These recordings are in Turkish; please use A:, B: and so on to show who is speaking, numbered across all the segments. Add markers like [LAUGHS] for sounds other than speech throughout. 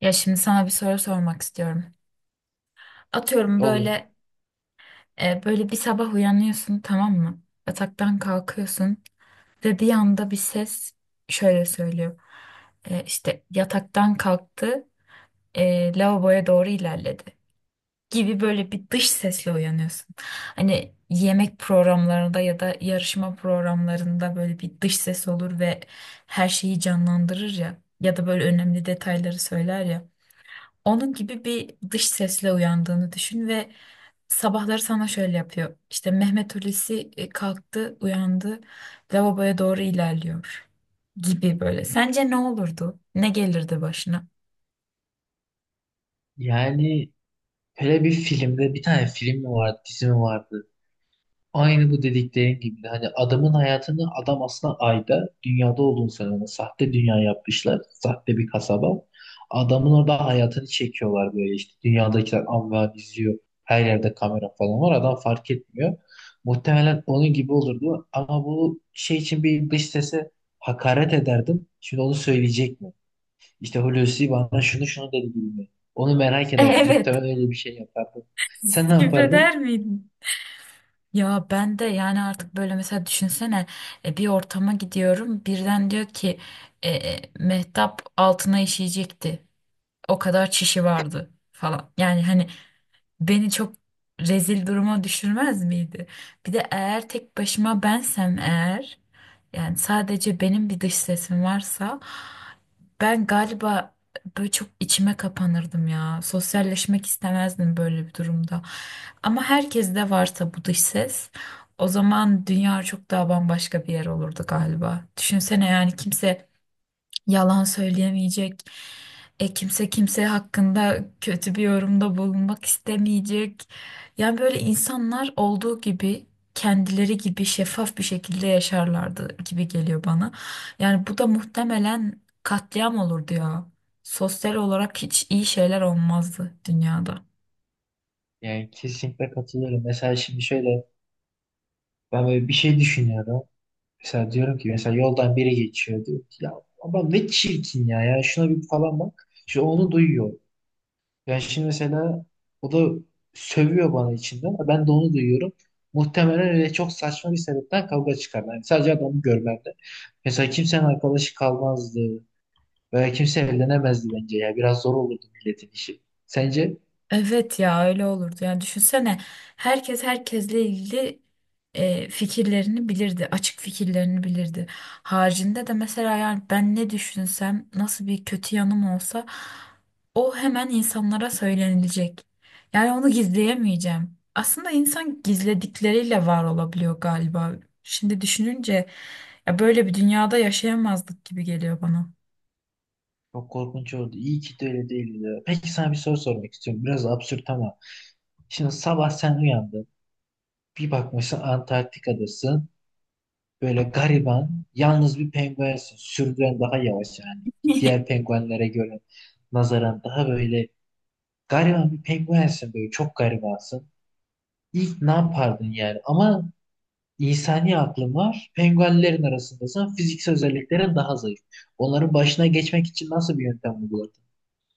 A: Ya şimdi sana bir soru sormak istiyorum. Atıyorum
B: Olur.
A: böyle böyle bir sabah uyanıyorsun, tamam mı? Yataktan kalkıyorsun ve bir anda bir ses şöyle söylüyor. İşte yataktan kalktı, lavaboya doğru ilerledi gibi, böyle bir dış sesle uyanıyorsun. Hani yemek programlarında ya da yarışma programlarında böyle bir dış ses olur ve her şeyi canlandırır ya, ya da böyle önemli detayları söyler ya. Onun gibi bir dış sesle uyandığını düşün ve sabahları sana şöyle yapıyor. İşte Mehmet Hulusi kalktı, uyandı, lavaboya doğru ilerliyor gibi böyle. Sence ne olurdu? Ne gelirdi başına?
B: Yani böyle bir filmde bir tane film mi vardı, dizi mi vardı? Aynı bu dediklerin gibi. Hani adamın hayatını adam aslında ayda dünyada olduğunu söylüyor. Sahte dünya yapmışlar. Sahte bir kasaba. Adamın orada hayatını çekiyorlar böyle işte. Dünyadakiler amva izliyor. Her yerde kamera falan var. Adam fark etmiyor. Muhtemelen onun gibi olurdu. Ama bu şey için bir dış sese hakaret ederdim. Şimdi onu söyleyecek mi? İşte Hulusi bana şunu şunu dedi gibi. Onu merak
A: [LAUGHS]
B: ederdim.
A: Evet.
B: Muhtemelen öyle bir şey yapardım. Sen ne yapardın?
A: Küfreder miydin? Ya ben de yani artık böyle mesela düşünsene, bir ortama gidiyorum, birden diyor ki Mehtap altına işeyecekti. O kadar çişi vardı falan. Yani hani beni çok rezil duruma düşürmez miydi? Bir de eğer tek başıma bensem, eğer yani sadece benim bir dış sesim varsa, ben galiba böyle çok içime kapanırdım ya. Sosyalleşmek istemezdim böyle bir durumda. Ama herkes de varsa bu dış ses, o zaman dünya çok daha bambaşka bir yer olurdu galiba. Düşünsene, yani kimse yalan söyleyemeyecek. Kimse kimse hakkında kötü bir yorumda bulunmak istemeyecek. Yani böyle insanlar olduğu gibi, kendileri gibi şeffaf bir şekilde yaşarlardı gibi geliyor bana. Yani bu da muhtemelen katliam olurdu ya. Sosyal olarak hiç iyi şeyler olmazdı dünyada.
B: Yani kesinlikle katılıyorum. Mesela şimdi şöyle ben böyle bir şey düşünüyorum. Mesela diyorum ki mesela yoldan biri geçiyor diyor ki ya ama ne çirkin ya, ya şuna bir falan bak. Şu onu duyuyor. Yani şimdi mesela o da sövüyor bana içinden. Ben de onu duyuyorum. Muhtemelen öyle çok saçma bir sebepten kavga çıkarlar. Yani sadece adamı görmemde. Mesela kimsenin arkadaşı kalmazdı. Böyle kimse evlenemezdi bence ya. Biraz zor olurdu milletin işi. Sence?
A: Evet ya, öyle olurdu. Yani düşünsene, herkes herkesle ilgili fikirlerini bilirdi. Açık fikirlerini bilirdi. Haricinde de mesela yani ben ne düşünsem, nasıl bir kötü yanım olsa o hemen insanlara söylenilecek. Yani onu gizleyemeyeceğim. Aslında insan gizledikleriyle var olabiliyor galiba. Şimdi düşününce ya, böyle bir dünyada yaşayamazdık gibi geliyor bana.
B: Çok korkunç oldu. İyi ki de öyle değildi ya. Peki sana bir soru sormak istiyorum. Biraz absürt ama. Şimdi sabah sen uyandın. Bir bakmışsın Antarktika'dasın. Böyle gariban, yalnız bir penguensin. Sürüden daha yavaş yani. Diğer
A: [LAUGHS]
B: penguenlere göre nazaran daha böyle gariban bir penguensin böyle. Çok garibansın. İlk ne yapardın yani? Ama İnsani aklın var. Penguenlerin arasındasın. Fiziksel özelliklerin daha zayıf. Onların başına geçmek için nasıl bir yöntem uyguladın?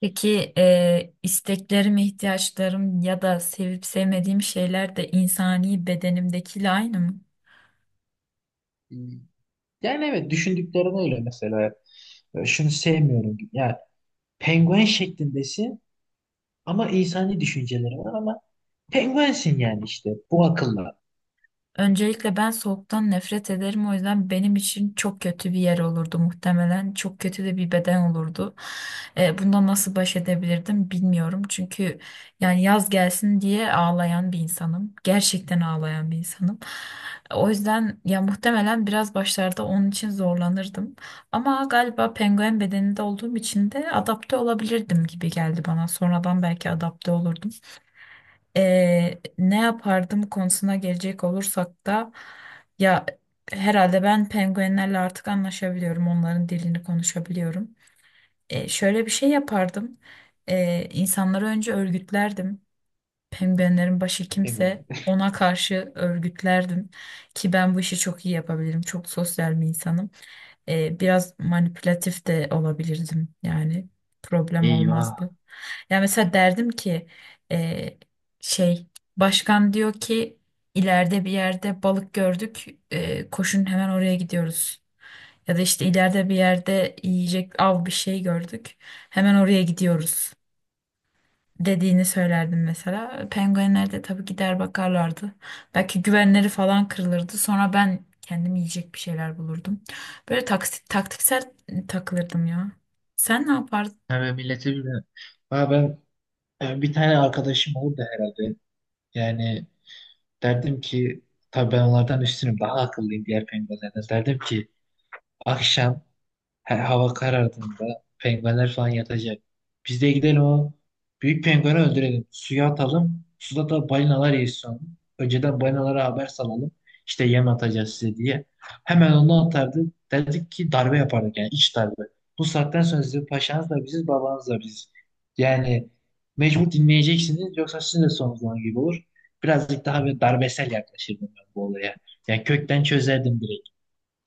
A: Peki isteklerim, ihtiyaçlarım ya da sevip sevmediğim şeyler de insani bedenimdekiyle aynı mı?
B: Ee, Yani evet düşündüklerin öyle mesela. Şunu sevmiyorum gibi. Yani penguen şeklindesin ama insani düşünceleri var ama penguensin yani işte. Bu akılla.
A: Öncelikle ben soğuktan nefret ederim. O yüzden benim için çok kötü bir yer olurdu muhtemelen. Çok kötü de bir beden olurdu. Bundan nasıl baş edebilirdim bilmiyorum. Çünkü yani yaz gelsin diye ağlayan bir insanım. Gerçekten ağlayan bir insanım. O yüzden ya muhtemelen biraz başlarda onun için zorlanırdım. Ama galiba penguen bedeninde olduğum için de adapte olabilirdim gibi geldi bana. Sonradan belki adapte olurdum. Ne yapardım konusuna gelecek olursak da ya, herhalde ben penguenlerle artık anlaşabiliyorum. Onların dilini konuşabiliyorum. Şöyle bir şey yapardım. İnsanları önce örgütlerdim. Penguenlerin başı
B: Penguen.
A: kimse ona karşı örgütlerdim, ki ben bu işi çok iyi yapabilirim. Çok sosyal bir insanım. Biraz manipülatif de olabilirdim, yani
B: [LAUGHS]
A: problem olmazdı.
B: Eyvah.
A: Yani mesela derdim ki e, şey, başkan diyor ki ileride bir yerde balık gördük, koşun hemen oraya gidiyoruz. Ya da işte ileride bir yerde yiyecek av bir şey gördük, hemen oraya gidiyoruz dediğini söylerdim mesela. Penguenler de tabii gider bakarlardı. Belki güvenleri falan kırılırdı. Sonra ben kendim yiyecek bir şeyler bulurdum. Böyle taktiksel takılırdım ya. Sen ne yapardın?
B: Hemen millete bilmiyorum. Ha ben bir tane arkadaşım oldu herhalde. Yani derdim ki tabii ben onlardan üstünüm. Daha akıllıyım diğer penguenlerden. Derdim ki akşam hava karardığında penguenler falan yatacak. Biz de gidelim o büyük pengueni öldürelim. Suya atalım. Suda da balinalar yesin onu. Önceden balinalara haber salalım. İşte yem atacağız size diye. Hemen onu atardı. Dedik ki darbe yapardık yani iç darbe. Bu saatten sonra sizin paşanız da biziz, babanız da biziz. Yani mecbur dinleyeceksiniz yoksa sizin de sonunuz onun gibi olur. Birazcık daha bir darbesel yaklaşırdım ben bu olaya. Yani kökten çözerdim direkt.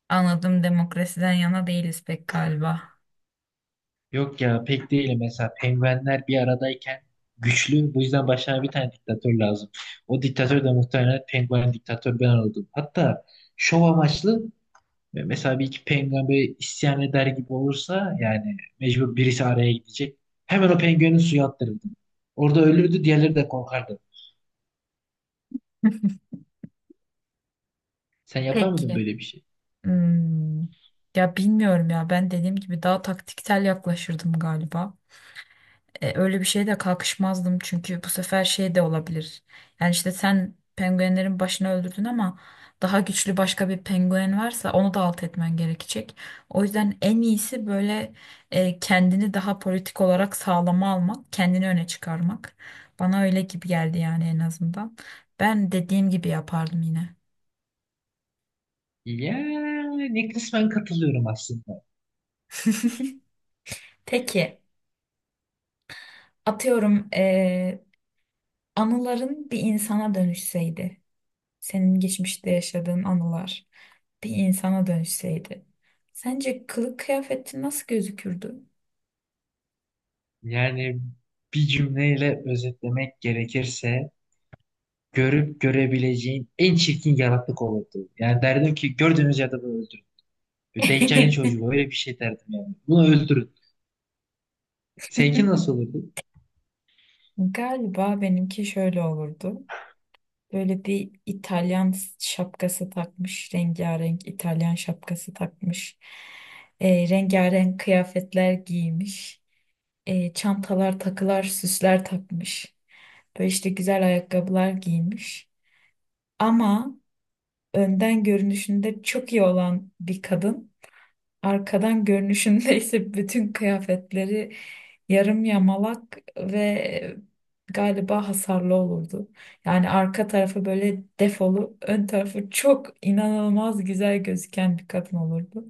A: Anladım, demokrasiden yana değiliz pek galiba.
B: Yok ya pek değil, mesela penguenler bir aradayken güçlü, bu yüzden başına bir tane diktatör lazım. O diktatör de muhtemelen penguen diktatör ben oldum. Hatta şov amaçlı, mesela bir iki penguen böyle isyan eder gibi olursa yani mecbur birisi araya gidecek. Hemen o penguenin suya attırırdım. Orada ölürdü, diğerleri de korkardı.
A: [LAUGHS]
B: Sen yapar mıydın
A: Peki.
B: böyle bir şey?
A: Hmm. Ya bilmiyorum ya, ben dediğim gibi daha taktiksel yaklaşırdım galiba. Öyle bir şeye de kalkışmazdım çünkü bu sefer şey de olabilir. Yani işte sen penguenlerin başını öldürdün ama daha güçlü başka bir penguen varsa onu da alt etmen gerekecek. O yüzden en iyisi böyle kendini daha politik olarak sağlama almak, kendini öne çıkarmak. Bana öyle gibi geldi yani, en azından. Ben dediğim gibi yapardım yine.
B: Yani kısmen katılıyorum aslında.
A: Peki, atıyorum, anıların bir insana dönüşseydi, senin geçmişte yaşadığın anılar bir insana dönüşseydi, sence kılık kıyafetin nasıl gözükürdü?
B: Yani bir cümleyle özetlemek gerekirse görüp görebileceğin en çirkin yaratık olurdu. Yani derdim ki gördüğünüz yerde bunu öldürün. Bir Deccal'in
A: [LAUGHS]
B: çocuğu, öyle bir şey derdim yani. Bunu öldürün. Seninki nasıl olurdu?
A: Galiba benimki şöyle olurdu. Böyle bir İtalyan şapkası takmış, rengarenk İtalyan şapkası takmış, rengarenk kıyafetler giymiş, çantalar, takılar, süsler takmış. Böyle işte güzel ayakkabılar giymiş. Ama önden görünüşünde çok iyi olan bir kadın, arkadan görünüşünde ise [LAUGHS] bütün kıyafetleri yarım yamalak ve galiba hasarlı olurdu. Yani arka tarafı böyle defolu, ön tarafı çok inanılmaz güzel gözüken bir kadın olurdu.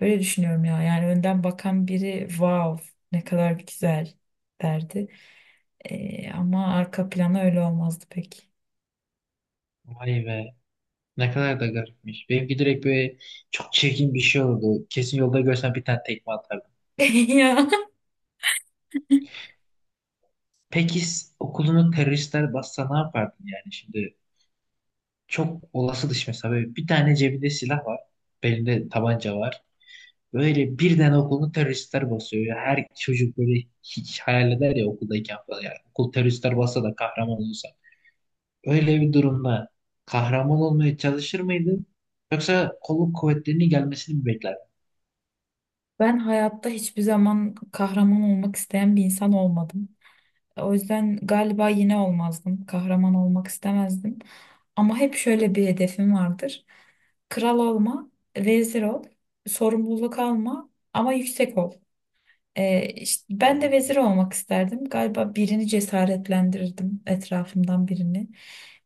A: Böyle düşünüyorum ya. Yani önden bakan biri wow, ne kadar güzel derdi. Ama arka planı öyle olmazdı pek.
B: Vay be. Ne kadar da garipmiş. Benimki direkt böyle çok çirkin bir şey oldu. Kesin yolda görsem bir tane tekme atardım.
A: [LAUGHS] Ya.
B: Peki okulunu teröristler bassa ne yapardın yani şimdi? Çok olası dışı, mesela böyle bir tane cebinde silah var. Belinde tabanca var. Böyle birden okulunu teröristler basıyor ya. Her çocuk böyle hiç hayal eder ya okuldayken falan. Yani okul teröristler bassa da kahraman olursa. Öyle bir durumda kahraman olmaya çalışır mıydın? Yoksa kolluk kuvvetlerinin gelmesini mi beklerdin?
A: Ben hayatta hiçbir zaman kahraman olmak isteyen bir insan olmadım. O yüzden galiba yine olmazdım. Kahraman olmak istemezdim. Ama hep şöyle bir hedefim vardır. Kral olma, vezir ol, sorumluluk alma ama yüksek ol. İşte ben de
B: Oo,
A: vezir olmak isterdim. Galiba birini cesaretlendirirdim, etrafımdan birini.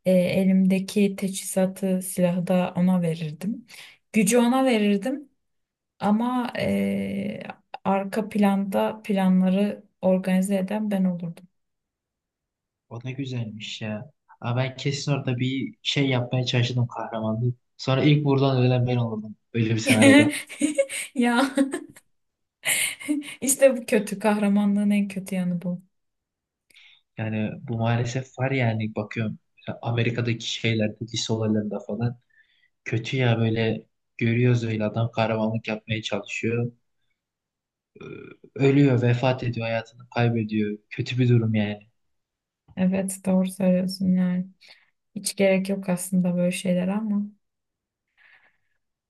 A: Elimdeki teçhizatı, silahı da ona verirdim. Gücü ona verirdim ama arka planda planları organize eden ben olurdum.
B: o ne güzelmiş ya. Aa, ben kesin orada bir şey yapmaya çalışırdım kahramanlığı. Sonra ilk buradan ölen ben olurdum. Öyle bir senaryoda.
A: [LAUGHS] Ya işte bu kötü, kahramanlığın en kötü yanı bu.
B: Yani bu maalesef var yani bakıyorum. Amerika'daki şeylerde, lise olaylarında falan. Kötü ya, böyle görüyoruz, öyle adam kahramanlık yapmaya çalışıyor. Ee, Ölüyor, vefat ediyor, hayatını kaybediyor. Kötü bir durum yani.
A: Evet, doğru söylüyorsun yani. Hiç gerek yok aslında böyle şeyler ama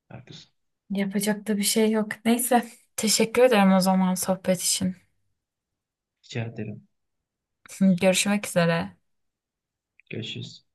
B: Haklısın.
A: yapacak da bir şey yok. Neyse, teşekkür ederim o zaman sohbet için.
B: Rica ederim.
A: [LAUGHS] Görüşmek üzere.
B: Görüşürüz.